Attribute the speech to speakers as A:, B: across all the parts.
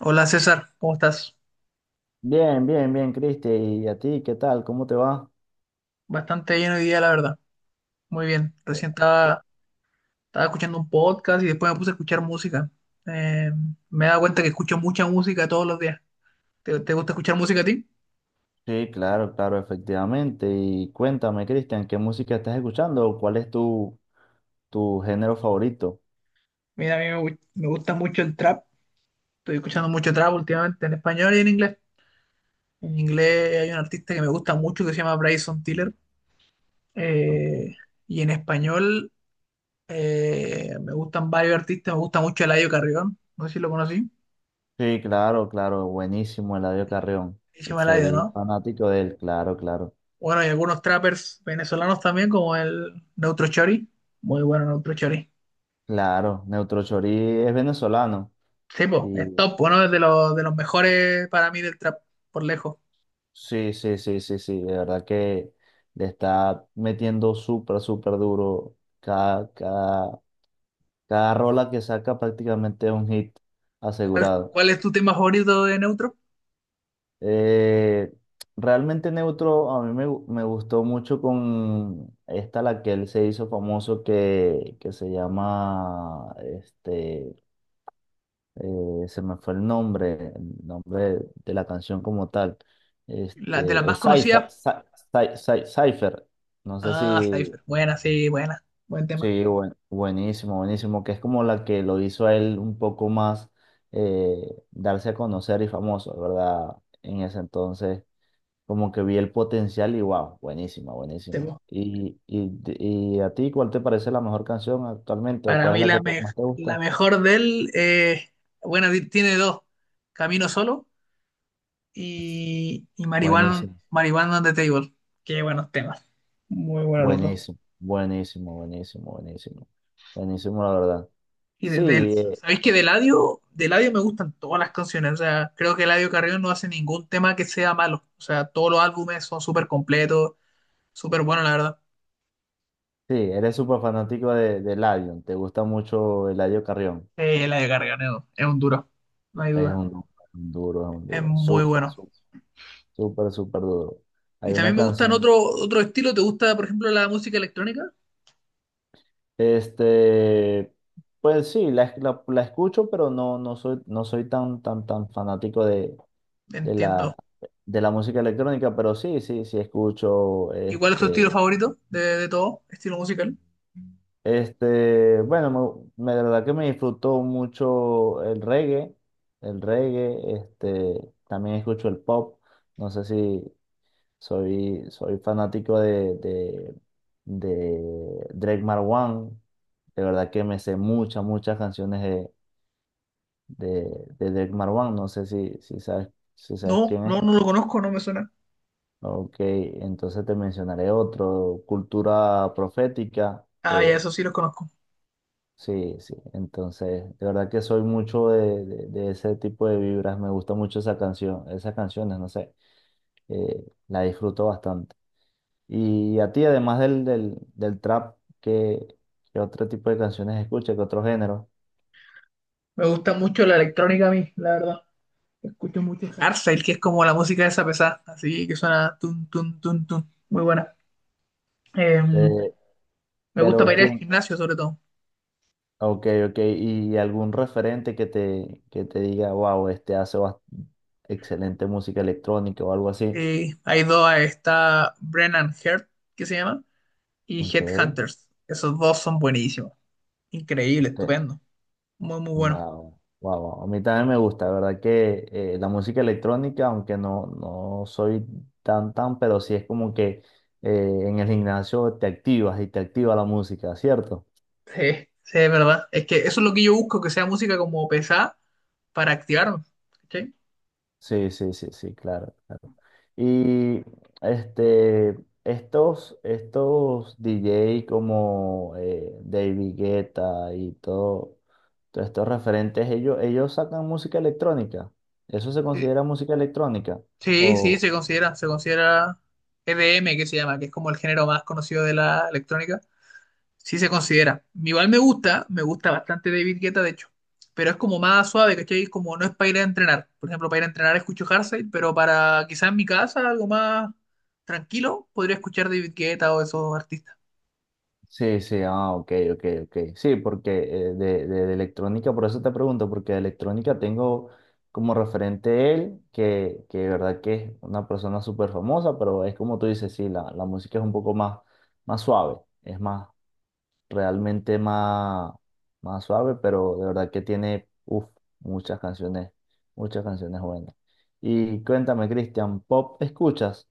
A: Hola César, ¿cómo estás?
B: Bien, bien, bien, Cristi. ¿Y a ti qué tal? ¿Cómo te va?
A: Bastante bien hoy día, la verdad. Muy bien. Estaba escuchando un podcast y después me puse a escuchar música. Eh, Me he dado cuenta que escucho mucha música todos los días. ¿Te gusta escuchar música a ti?
B: Sí, claro, claro, efectivamente. Y cuéntame, Cristian, ¿qué música estás escuchando? ¿Cuál es tu género favorito?
A: Mira, a mí me, gu- me gusta mucho el trap. Estoy escuchando mucho trap últimamente en español y en inglés. En inglés hay un artista que me gusta mucho que se llama Bryson Tiller.
B: Ok.
A: Eh, y en español me gustan varios artistas. Me gusta mucho Eladio Carrión. No sé si lo conocí.
B: Sí, claro, claro, buenísimo, Eladio Carrión.
A: Se llama Eladio,
B: Soy
A: ¿no?
B: fanático de él, claro, claro.
A: Bueno, hay algunos trappers venezolanos también, como el Neutro Chori. Muy bueno Neutro Chori.
B: Claro, Neutro Chorí es venezolano.
A: Sí, po, es
B: Y
A: top, bueno, es de de los mejores para mí del trap, por lejos.
B: sí, sí, sí, sí, sí, de verdad que le está metiendo súper, súper duro cada Cada rola que saca prácticamente es un hit
A: ¿Cuál,
B: asegurado.
A: cuál es tu tema favorito de Neutro?
B: Eh, Realmente Neutro a mí me gustó mucho con esta, la que él se hizo famoso, que se llama, se me fue el nombre de la canción como tal.
A: La, de las
B: Este,
A: más
B: Cypher,
A: conocidas.
B: Cy- Cy- Cy- Cypher, no sé
A: Ah,
B: si,
A: Cypher. Buena, sí, buena. Buen tema.
B: Sí, buenísimo, buenísimo, que es como la que lo hizo a él un poco más eh, darse a conocer y famoso, ¿verdad? En ese entonces, como que vi el potencial y wow, buenísima,
A: Sí,
B: buenísima.
A: po.
B: ¿Y a ti cuál te parece la mejor canción actualmente o
A: Para
B: cuál es
A: mí
B: la
A: la,
B: que
A: me-
B: más te
A: La
B: gusta?
A: mejor de él, bueno, tiene dos. Camino Solo y Marihuana,
B: Buenísimo,
A: Marihuana on the Table. Qué buenos temas. Muy buenos los dos.
B: buenísimo, buenísimo, buenísimo, buenísimo, buenísimo, la verdad.
A: Y
B: Sí,
A: de-
B: eh,
A: ¿sabéis que de Eladio me gustan todas las canciones? O sea, creo que Eladio Carrión no hace ningún tema que sea malo. O sea, todos los álbumes son súper completos, súper buenos, la verdad.
B: sí, eres súper fanático de Eladio, te gusta mucho Eladio Carrión.
A: Eladio Carrión es un duro, no hay
B: Es
A: duda.
B: un duro, es un
A: Es
B: duro.
A: muy
B: Súper,
A: bueno.
B: súper, súper, súper duro.
A: Y
B: Hay una
A: también me gustan
B: canción.
A: otro, otro estilo. ¿Te gusta, por ejemplo, la música electrónica?
B: Este, pues sí, la escucho, pero no, no soy, no soy tan, tan, tan fanático de la,
A: Entiendo.
B: de la música electrónica, pero sí, sí, sí escucho.
A: ¿Y cuál es tu estilo favorito de todo? ¿Estilo musical?
B: Bueno, de verdad que me disfruto mucho el reggae. El reggae, también escucho el pop. No sé si, Soy, soy fanático de Drake Marwan. De verdad que me sé muchas, muchas canciones de Drake Marwan. No sé si, si sabes, si sabes
A: No,
B: quién es.
A: no, no lo conozco, no me suena.
B: Ok, entonces te mencionaré otro, Cultura Profética.
A: Ah, ya, eso sí los conozco.
B: Sí, sí. Entonces, de verdad que soy mucho de ese tipo de vibras. Me gusta mucho esa canción, esas canciones, no sé. La disfruto bastante. Y a ti, además del trap, ¿qué, qué otro tipo de canciones escuchas, qué otro género?
A: Me gusta mucho la electrónica a mí, la verdad. Escucho mucho Hardstyle, que es como la música de esa pesada, así que suena tun, tun, tun, tun. Muy buena. Eh,
B: Eh,
A: Me gusta
B: pero
A: para ir al
B: quién,
A: gimnasio, sobre todo.
B: ok, ok, y algún referente que te diga, wow, este hace excelente música electrónica o algo así.
A: Hay dos, está Brennan Heart, que se llama, y
B: Ok,
A: Headhunters. Esos dos son buenísimos. Increíble,
B: usted-
A: estupendo. Muy, muy bueno.
B: wow, wow, wow. A mí también me gusta, la verdad que la música electrónica, aunque no, no soy tan tan, pero sí es como que en el gimnasio te activas y te activa la música, ¿cierto?
A: Sí, sí, es verdad. Es que eso es lo que yo busco, que sea música como pesada para activarme. ¿Cachai?
B: Sí, sí, sí, sí, claro, claro. Y este, Estos DJ como David Guetta y todo, todos estos referentes, ellos sacan música electrónica. ¿Eso se
A: Sí,
B: considera música electrónica?
A: sí, sí, se considera EDM, que se llama, que es como el género más conocido de la electrónica. Sí se considera. Igual me gusta bastante David Guetta, de hecho. Pero es como más suave, ¿cachai? Es como no es para ir a entrenar. Por ejemplo, para ir a entrenar escucho Hardstyle, pero para quizás en mi casa, algo más tranquilo, podría escuchar David Guetta o esos artistas.
B: Sí, sí, ah, ok, ok, ok. Sí, porque de electrónica, por eso te pregunto, porque de electrónica tengo como referente él, que de verdad que es una persona súper famosa, pero es como tú dices, sí, la música es un poco más, más suave, es más, realmente más, más suave, pero de verdad que tiene, uff, muchas canciones, muchas canciones buenas. Y cuéntame, Cristian, ¿pop escuchas?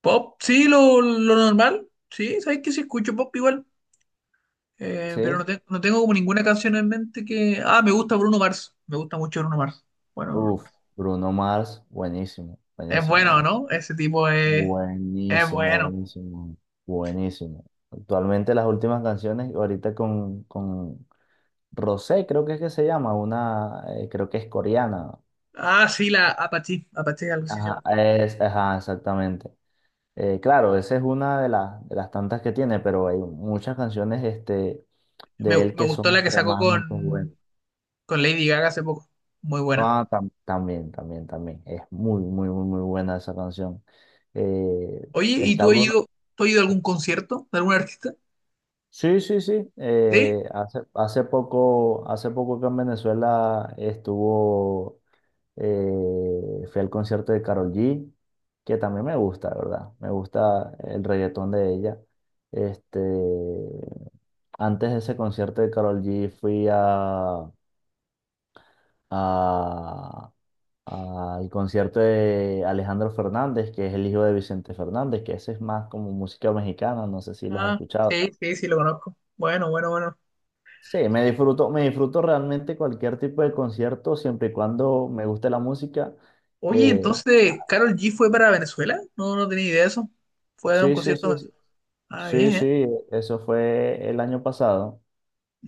A: Pop, sí, lo normal. Sí, sabes que sí escucho pop igual. Pero no,
B: Sí,
A: no tengo como ninguna canción en mente que. Ah, me gusta Bruno Mars. Me gusta mucho Bruno Mars. Bueno, Bruno
B: uff,
A: Mars.
B: Bruno Mars, buenísimo,
A: Es
B: buenísimo.
A: bueno, ¿no? Ese tipo es
B: Buenísimo,
A: bueno.
B: buenísimo, buenísimo. Actualmente las últimas canciones, ahorita con Rosé, creo que es que se llama, una, creo que es coreana.
A: Ah, sí, la Apache. Apache, algo así se
B: Ajá,
A: llama.
B: es, ajá, exactamente. Claro, esa es una de las tantas que tiene, pero hay muchas canciones
A: Me,
B: de él
A: me
B: que
A: gustó
B: son
A: la que sacó
B: extremadamente buenas.
A: con Lady Gaga hace poco. Muy buena.
B: Ah, tam- también, también, también. Es muy, muy, muy, muy buena esa canción. Eh,
A: Oye,
B: está Bruno
A: tú has ido a algún concierto de algún artista?
B: Sí, sí, sí.
A: ¿Sí?
B: Hace poco, hace poco que en Venezuela estuvo, fui al concierto de Karol G, que también me gusta, ¿verdad? Me gusta el reggaetón de ella. Este, Antes de ese concierto de Karol G fui a- al concierto de Alejandro Fernández, que es el hijo de Vicente Fernández, que ese es más como música mexicana, no sé si lo has
A: Ah,
B: escuchado.
A: sí, sí, sí, lo conozco. Bueno, bueno, bueno.
B: Sí, me disfruto realmente cualquier tipo de concierto, siempre y cuando me guste la música.
A: Oye,
B: Eh,
A: entonces, ¿Carol G fue para Venezuela? No, no tenía idea de eso. Fue a dar un
B: sí, sí,
A: concierto en
B: sí, sí,
A: Venezuela. Ah,
B: sí,
A: bien, ¿eh?
B: sí, eso fue el año pasado,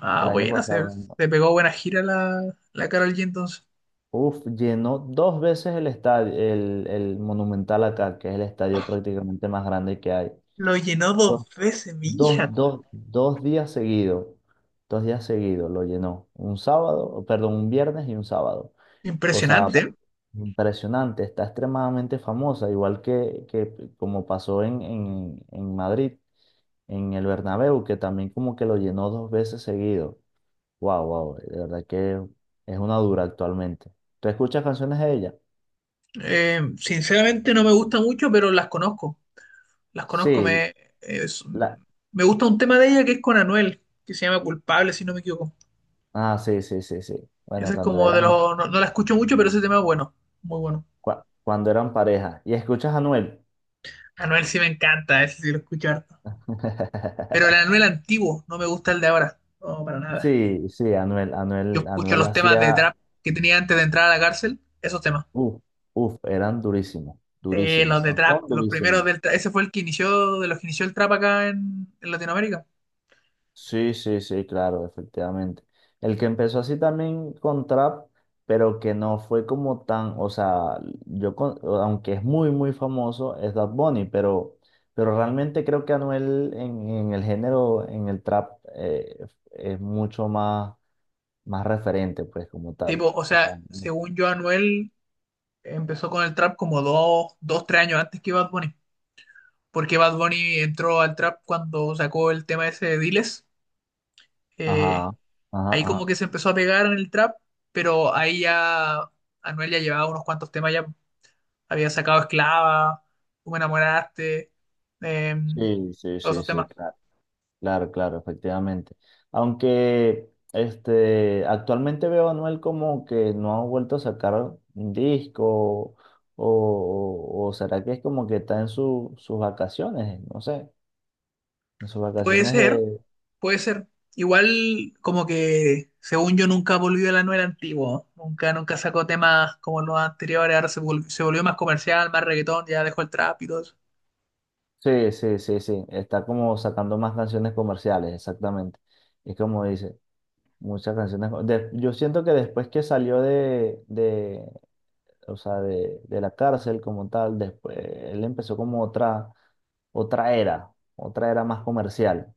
A: Ah,
B: el año
A: buena, se,
B: pasado. ¿No?
A: se pegó buena gira la Karol G entonces.
B: Uf, llenó dos veces el estadio, el Monumental acá, que es el estadio prácticamente más grande que hay.
A: Lo llenó
B: Dos,
A: dos veces, mi hija.
B: Dos días seguidos, dos días seguidos lo llenó. Un sábado, perdón, un viernes y un sábado. O sea,
A: Impresionante.
B: impresionante, está extremadamente famosa, igual que como pasó en Madrid, en el Bernabéu, que también como que lo llenó dos veces seguido. Wow, wow, de verdad que es una dura actualmente. ¿Tú escuchas canciones de ella?
A: Sinceramente no me gusta mucho, pero las conozco. Las conozco,
B: Sí,
A: es-
B: la...
A: me gusta un tema de ella que es con Anuel, que se llama Culpable, si no me equivoco.
B: Ah, sí, sí, sí, sí. Bueno,
A: Ese es como de los, no, no la escucho mucho, pero ese tema es bueno, muy bueno.
B: cuando eran pareja. ¿Y escuchas a Anuel?
A: Anuel sí me encanta, ese sí lo escucho harto. Pero el Anuel antiguo, no me gusta el de ahora, no, para nada.
B: Sí, sí, Anuel,
A: Yo
B: Anuel,
A: escucho
B: Anuel
A: los temas de
B: hacía,
A: trap que tenía antes de entrar a la cárcel, esos temas.
B: uff, uff, eran durísimos,
A: Los
B: durísimos,
A: de
B: con
A: trap,
B: son
A: los primeros
B: durísimos.
A: del trap, ese fue el que inició, de los que inició el trap acá en Latinoamérica.
B: Sí, sí, sí, claro, efectivamente. El que empezó así también con trap, pero que no fue como tan, o sea, yo, aunque es muy, muy famoso, es Bad Bunny, pero realmente creo que Anuel en el género, en el trap, es mucho más, más referente, pues, como tal.
A: Tipo, o sea, según yo, Anuel empezó con el trap como tres años antes que Bad Bunny. Porque Bad Bunny entró al trap cuando sacó el tema ese de Diles. Eh,
B: Ajá, ajá,
A: Ahí como
B: ajá.
A: que se empezó a pegar en el trap, pero ahí ya Anuel ya llevaba unos cuantos temas, ya había sacado Esclava, Tú me enamoraste, eh,
B: Sí, sí,
A: todos
B: sí,
A: esos
B: sí,
A: temas.
B: claro. Claro, claro, efectivamente. Aunque actualmente veo a Anuel como que no ha vuelto a sacar un disco o será que es como que está en sus vacaciones, no sé, en sus
A: Puede
B: vacaciones de...
A: ser, puede ser. Igual como que, según yo, nunca volvió el Anuel antiguo, ¿no? Nunca, nunca sacó temas como los anteriores, ahora se volvió más comercial, más reggaetón, ya dejó el trap y todo eso.
B: Sí, sí, sí, sí, está como sacando más canciones comerciales, exactamente. Es como dice, muchas canciones... yo siento que después que salió de, o sea, de la cárcel como tal. Después, él empezó como otra, otra era más comercial.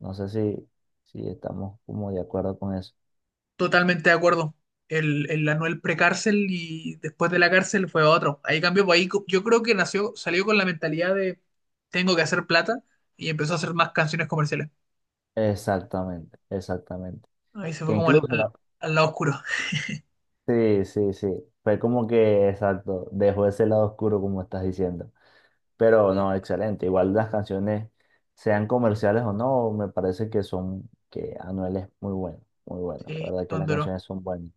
B: No sé si, si estamos como de acuerdo con eso.
A: Totalmente de acuerdo. El Anuel precárcel y después de la cárcel fue otro. Ahí cambió, pues ahí yo creo que nació, salió con la mentalidad de tengo que hacer plata y empezó a hacer más canciones comerciales.
B: Exactamente, exactamente.
A: Ahí se fue
B: Que
A: como al,
B: incluso, la-
A: al lado oscuro.
B: sí, sí, sí, fue como que, exacto, dejó ese lado oscuro como estás diciendo. Pero no, excelente. Igual las canciones, sean comerciales o no, me parece que son, que Anuel es muy bueno, muy bueno. La
A: Sí,
B: verdad que
A: no
B: las
A: duró.
B: canciones son buenas.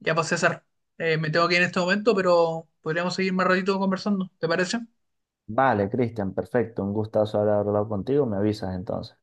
A: Ya pues César, me tengo que ir en este momento, pero podríamos seguir más ratito conversando, ¿te parece?
B: Vale, Cristian, perfecto. Un gustazo haber hablado contigo. Me avisas entonces.